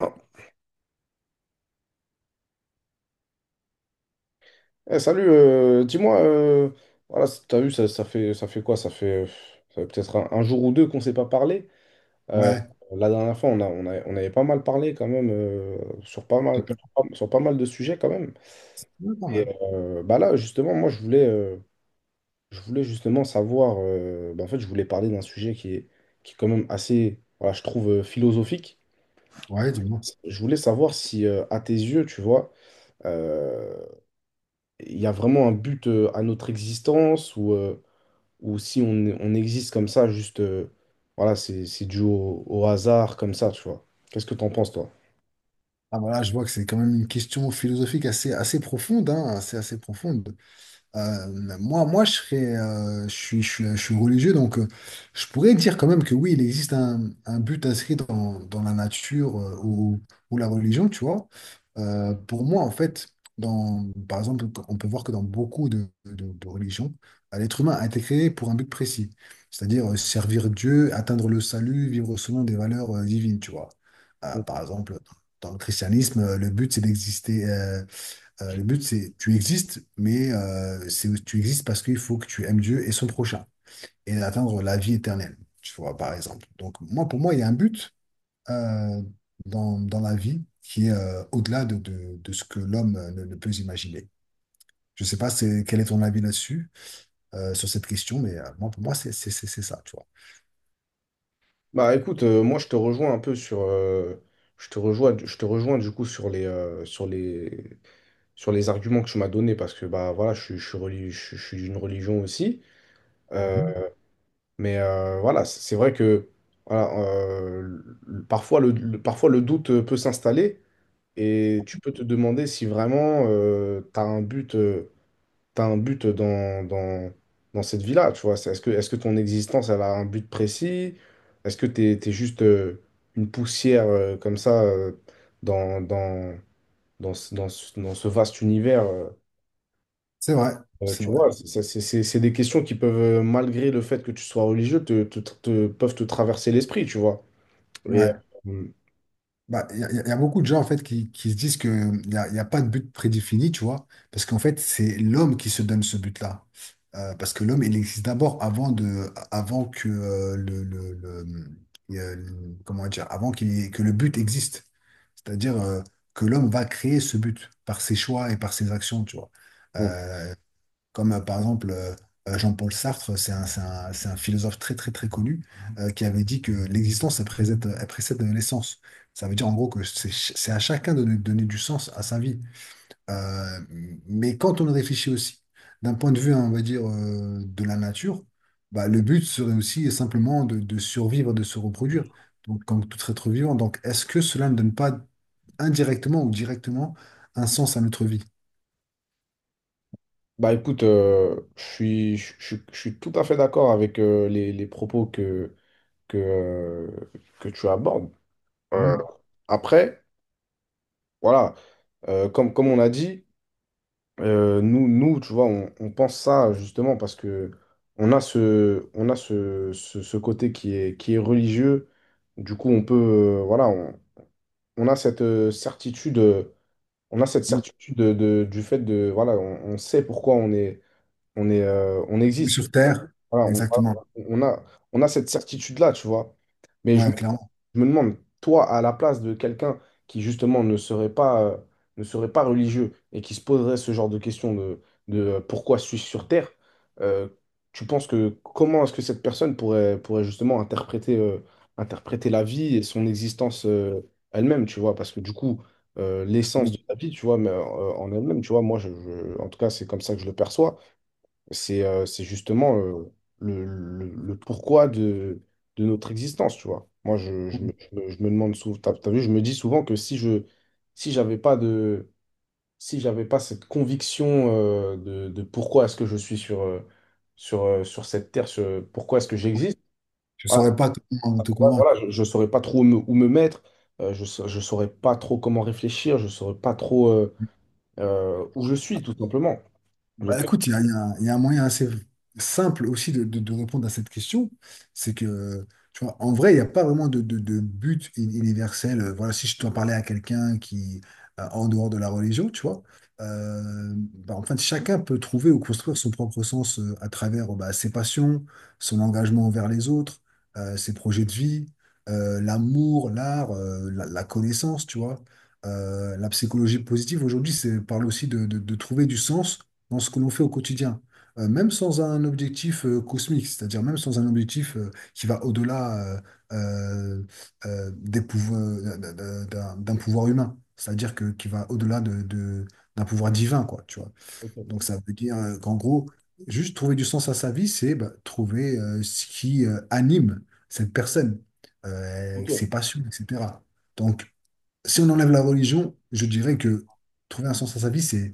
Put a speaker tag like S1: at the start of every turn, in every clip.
S1: Ah. Dis-moi, voilà, t'as vu, ça fait quoi? Ça fait peut-être un jour ou deux qu'on s'est pas parlé. Euh,
S2: Ouais,
S1: la dernière fois, on avait pas mal parlé quand même sur pas
S2: c'est
S1: mal,
S2: pas,
S1: sur pas mal de sujets quand même.
S2: ouais, pas
S1: Et
S2: mal.
S1: bah là, justement, moi, je voulais justement savoir. Bah, en fait, je voulais parler d'un sujet qui est quand même assez, voilà, je trouve philosophique.
S2: Ouais, dis-moi.
S1: Je voulais savoir si, à tes yeux, tu vois, euh, il y a vraiment un but à notre existence ou. Ou si on existe comme ça, juste, voilà, c'est dû au hasard, comme ça, tu vois. Qu'est-ce que t'en penses, toi?
S2: Ah voilà, je vois que c'est quand même une question philosophique assez, assez profonde, hein, assez, assez profonde. Moi, je serais, je suis, je suis, je suis religieux, donc je pourrais dire quand même que oui, il existe un but inscrit dans la nature ou la religion, tu vois. Pour moi, en fait, par exemple, on peut voir que dans beaucoup de religions, l'être humain a été créé pour un but précis, c'est-à-dire servir Dieu, atteindre le salut, vivre selon des valeurs divines, tu vois. Par exemple, dans le christianisme, le but, c'est d'exister. Le but, c'est tu existes, mais c'est tu existes parce qu'il faut que tu aimes Dieu et son prochain et atteindre la vie éternelle, tu vois, par exemple. Donc, moi, pour moi, il y a un but euh, dans la vie qui est au-delà de ce que l'homme ne peut imaginer. Je sais pas quel est ton avis là-dessus, sur cette question, mais moi, pour moi, c'est ça, tu vois.
S1: Bah écoute, moi je te rejoins un peu sur, je te rejoins du coup sur sur les arguments que tu m'as donnés parce que bah voilà, je suis d'une religion aussi. Euh, mais voilà, c'est vrai que voilà, parfois parfois le doute peut s'installer et tu peux te demander si vraiment tu as un but. T'as un but dans cette vie-là, tu vois. Est-ce que ton existence, elle a un but précis? Est-ce que t'es juste une poussière comme ça dans, dans, dans ce vaste univers
S2: C'est vrai, c'est
S1: tu
S2: vrai.
S1: vois, c'est des questions qui peuvent, malgré le fait que tu sois religieux, peuvent te traverser l'esprit, tu vois. Et,
S2: Ouais.
S1: euh,
S2: Bah, il y, a y a- y a beaucoup de gens en fait qui se disent qu'il y a pas de but prédéfini, tu vois, parce qu'en fait, c'est l'homme qui se donne ce but-là. Parce que l'homme, il existe d'abord avant que comment dire, avant qu'il y ait- que le but existe. C'est-à-dire que l'homme va créer ce but par ses choix et par ses actions, tu vois.
S1: bon.
S2: Euh, comme par exemple Jean-Paul Sartre, c'est un philosophe très très très connu qui avait dit que l'existence elle précède l'essence. Ça veut dire en gros que c'est à chacun de donner du sens à sa vie. Euh, mais quand on réfléchit aussi d'un point de vue, hein, on va dire, de la nature, bah, le but serait aussi simplement de survivre, de se reproduire, donc comme tout être vivant. Donc est-ce que cela ne donne pas indirectement ou directement un sens à notre vie?
S1: Bah écoute, je suis tout à fait d'accord avec les propos que, euh, que tu abordes. Euh,
S2: Hmm.
S1: Après, voilà, comme on a dit, nous, tu vois, on pense ça justement parce que on a ce côté qui est religieux. Du coup, on peut, voilà, on a cette certitude, on a cette
S2: Oui,
S1: certitude du fait de, voilà, on sait pourquoi on est, on existe.
S2: sur Terre,
S1: Voilà, voilà,
S2: exactement.
S1: on a, on a cette certitude-là, tu vois. Mais je me,
S2: Ouais, clairement.
S1: je me demande, toi, à la place de quelqu'un qui, justement, ne serait pas religieux et qui se poserait ce genre de questions de pourquoi suis-je sur Terre, euh, tu penses que comment est-ce que cette personne pourrait justement interpréter, interpréter la vie et son existence, elle-même, tu vois? Parce que du coup, l'essence
S2: Oui.
S1: de la vie, tu vois, mais, en elle-même, tu vois, moi, en tout cas, c'est comme ça que je le perçois, c'est justement le pourquoi de notre existence, tu vois. Moi, je me demande souvent, t'as vu, je me dis souvent que si je, si j'avais pas de, si j'avais pas cette conviction de pourquoi est-ce que je suis sur sur cette terre, pourquoi est-ce que j'existe,
S2: Je
S1: voilà,
S2: saurais pas
S1: ça,
S2: te convaincre.
S1: voilà, je saurais pas trop où me mettre, je saurais pas trop comment réfléchir, je saurais pas trop où je suis, tout simplement.
S2: Bah
S1: Donc,
S2: écoute, il y a un moyen assez simple aussi de répondre à cette question. C'est que, tu vois, en vrai, il n'y a pas vraiment de but universel. Voilà, si je dois parler à quelqu'un qui, en dehors de la religion, tu vois, bah, en fait, chacun peut trouver ou construire son propre sens à travers bah, ses passions, son engagement envers les autres, ses projets de vie, l'amour, l'art, la connaissance, tu vois. La psychologie positive aujourd'hui, c'est parle aussi de trouver du sens dans ce que l'on fait au quotidien, même sans un objectif cosmique, c'est-à-dire même sans un objectif qui va au-delà euh, d'un pouvoir humain, c'est-à-dire que qui va au-delà d'un pouvoir divin, quoi, tu vois.
S1: ok,
S2: Donc ça veut dire qu'en gros, juste trouver du sens à sa vie, c'est bah, trouver ce qui anime cette personne,
S1: ok.
S2: ses passions, etc. Donc, si on enlève la religion, je dirais que trouver un sens à sa vie, c'est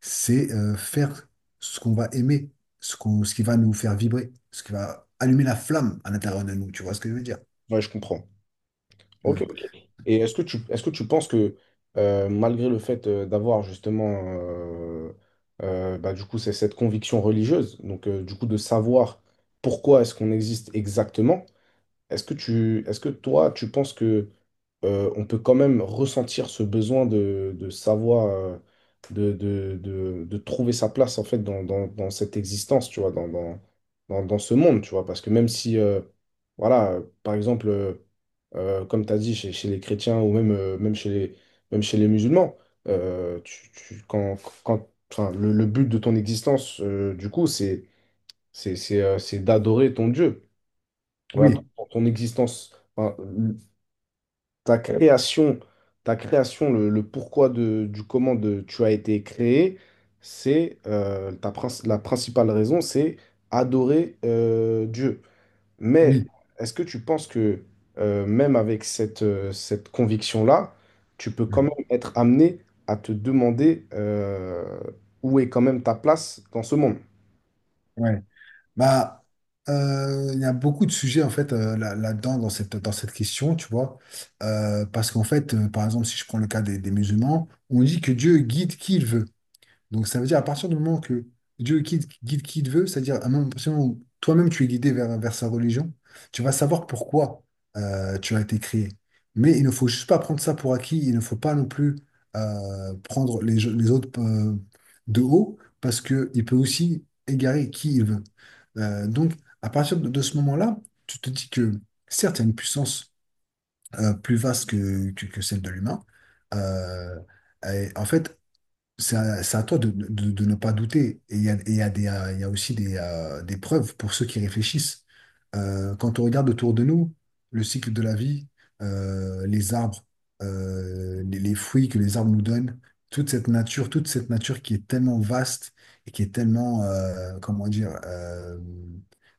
S2: c'est euh, faire ce qu'on va aimer, ce qui va nous faire vibrer, ce qui va allumer la flamme à l'intérieur de nous. Tu vois ce que je veux dire?
S1: Ouais, je comprends. Ok,
S2: Mm.
S1: ok. Et est-ce que tu penses que malgré le fait d'avoir justement bah, du coup c'est cette conviction religieuse, donc du coup de savoir pourquoi est-ce qu'on existe exactement, est-ce que toi tu penses que on peut quand même ressentir ce besoin de savoir, de trouver sa place en fait dans cette existence, tu vois, dans ce monde, tu vois, parce que même si, voilà, par exemple, comme tu as dit, chez les chrétiens ou même, même, même chez les musulmans, euh, tu, tu- quand, quand, enfin, le but de ton existence, du coup, c'est d'adorer ton Dieu. Voilà,
S2: Oui,
S1: ton existence. Enfin, ta création, ta création, le pourquoi de, du comment de, tu as été créé, c'est la principale raison, c'est adorer Dieu. Mais
S2: oui.
S1: est-ce que tu penses que même avec cette conviction-là, tu peux quand
S2: Mhm.
S1: même être amené à te demander où est quand même ta place dans ce monde?
S2: Ouais. Bah, il y a beaucoup de sujets en fait là-dedans dans cette question, tu vois. Parce qu'en fait, par exemple, si je prends le cas des musulmans, on dit que Dieu guide qui il veut. Donc ça veut dire à partir du moment que Dieu guide qui il veut, c'est-à-dire à partir du moment où toi-même tu es guidé vers sa religion, tu vas savoir pourquoi tu as été créé. Mais il ne faut juste pas prendre ça pour acquis, il ne faut pas non plus prendre les autres de haut, parce qu'il peut aussi égarer qui il veut. Donc à partir de ce moment-là, tu te dis que certes, il y a une puissance plus vaste que, celle de l'humain. Euh, et en fait, c'est à toi de ne pas douter. Et il y a, et il y a des, Il y a aussi des preuves pour ceux qui réfléchissent. Quand on regarde autour de nous, le cycle de la vie, les arbres, les fruits que les arbres nous donnent, toute cette nature qui est tellement vaste et qui est tellement, comment dire,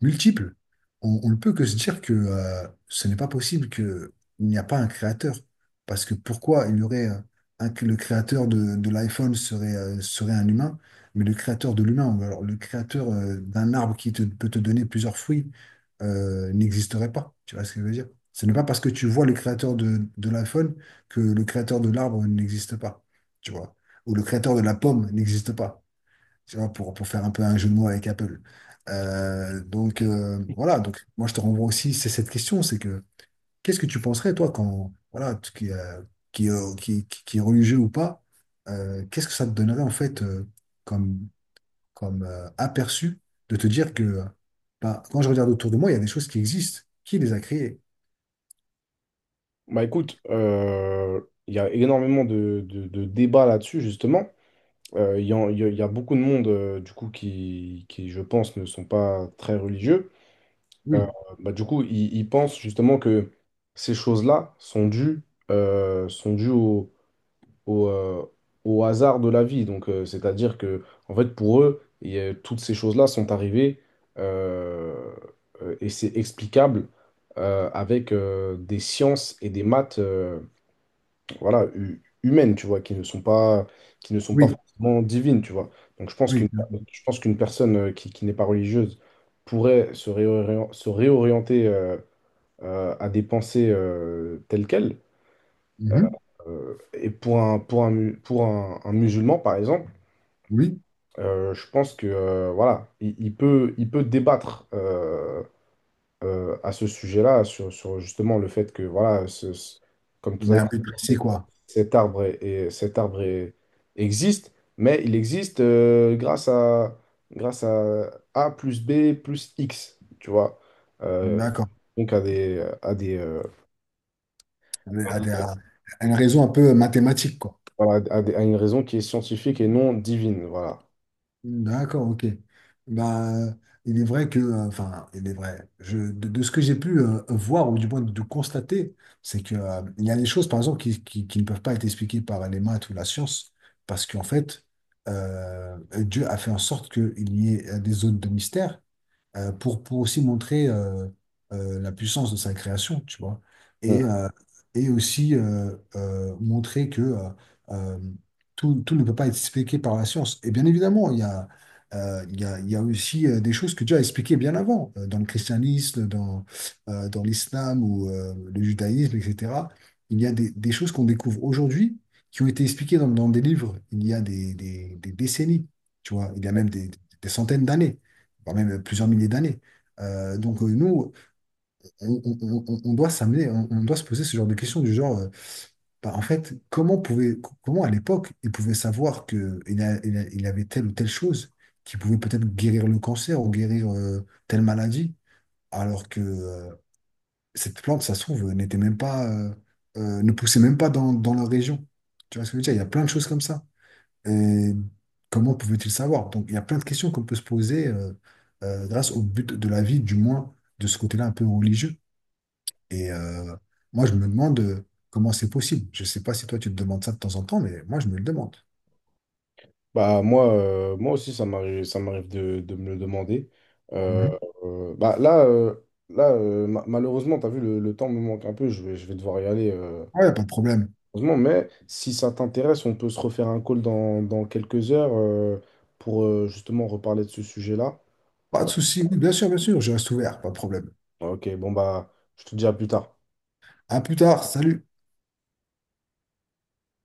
S2: multiple, on ne peut que se dire que ce n'est pas possible qu'il n'y a pas un créateur. Parce que pourquoi il y aurait, hein, que le créateur de l'iPhone serait un humain, mais le créateur de l'humain, ou alors le créateur d'un arbre peut te donner plusieurs fruits, n'existerait pas. Tu vois ce que je veux dire? Ce n'est pas parce que tu vois le créateur de l'iPhone que le créateur de l'arbre n'existe pas, tu vois. Ou le créateur de la pomme n'existe pas, tu vois, pour faire un peu un jeu de mots avec Apple. Donc, voilà, moi je te renvoie aussi, c'est cette question, c'est que qu'est-ce que tu penserais, toi, quand, voilà, qui est religieux ou pas, qu'est-ce que ça te donnerait, en fait, comme, comme aperçu de te dire que, bah, quand je regarde autour de moi, il y a des choses qui existent. Qui les a créées?
S1: Bah écoute, il y a énormément de, de débats là-dessus, justement. Il y a, beaucoup de monde, du coup, qui, je pense, ne sont pas très religieux. Euh,
S2: Oui,
S1: Bah, du coup, ils pensent justement que ces choses-là sont dues au, euh, au hasard de la vie. Donc, c'est-à-dire que, en fait, pour eux, toutes ces choses-là sont arrivées euh, et c'est explicable avec des sciences et des maths voilà, humaines, tu vois, qui ne sont pas
S2: oui,
S1: forcément divines, tu vois. Donc
S2: oui.
S1: je pense qu'une personne qui n'est pas religieuse pourrait se réorienter à des pensées telles quelles.
S2: Mhm.
S1: Et pour un musulman, par exemple,
S2: Oui,
S1: je pense que voilà, il peut débattre à ce sujet-là sur, sur justement le fait que voilà, comme
S2: il
S1: tout à
S2: y a un
S1: l'heure,
S2: but précis, quoi.
S1: cet arbre, cet arbre existe, mais il existe grâce à A plus B plus X, tu vois. Euh,
S2: D'accord.
S1: donc
S2: À une raison un peu mathématique, quoi.
S1: voilà, à une raison qui est scientifique et non divine, voilà.
S2: D'accord, ok. Bah, il est vrai que, enfin, il est vrai. De ce que j'ai pu voir, ou du moins de constater, c'est que, il y a des choses, par exemple, qui ne peuvent pas être expliquées par les maths ou la science, parce qu'en fait, Dieu a fait en sorte qu'il y ait des zones de mystère pour aussi montrer la puissance de sa création, tu vois. Et,
S1: Donc,
S2: euh, et aussi montrer que euh, tout ne peut pas être expliqué par la science. Et bien évidemment, il y a aussi des choses que Dieu a expliquées bien avant, dans le christianisme, dans l'islam ou le judaïsme, etc. Il y a des choses qu'on découvre aujourd'hui qui ont été expliquées dans des livres il y a des décennies, tu vois, il y a même des centaines d'années voire même plusieurs milliers d'années. Donc nous, on doit s'amener, on doit se poser ce genre de questions du genre, bah, en fait, comment à l'époque, ils pouvaient savoir que il avait telle ou telle chose qui pouvait peut-être guérir le cancer ou guérir telle maladie, alors que cette plante, ça se trouve, n'était même pas, ne poussait même pas dans leur région. Tu vois ce que je veux dire? Il y a plein de choses comme ça. Et comment pouvait-il savoir? Donc, il y a plein de questions qu'on peut se poser grâce au but de la vie, du moins de ce côté-là un peu religieux. Et moi, je me demande comment c'est possible. Je ne sais pas si toi, tu te demandes ça de temps en temps, mais moi, je me le demande.
S1: bah, moi, moi aussi, ça m'arrive de me le demander. Euh,
S2: Mhm.
S1: bah, là malheureusement, tu as vu, le temps me manque un peu, je vais devoir y aller.
S2: Ouais, pas de problème.
S1: Heureusement, mais si ça t'intéresse, on peut se refaire un call dans quelques heures pour justement reparler de ce sujet-là.
S2: Pas de souci. Bien sûr, je reste ouvert, pas de problème.
S1: Ok, bon bah, je te dis à plus tard.
S2: À plus tard, salut.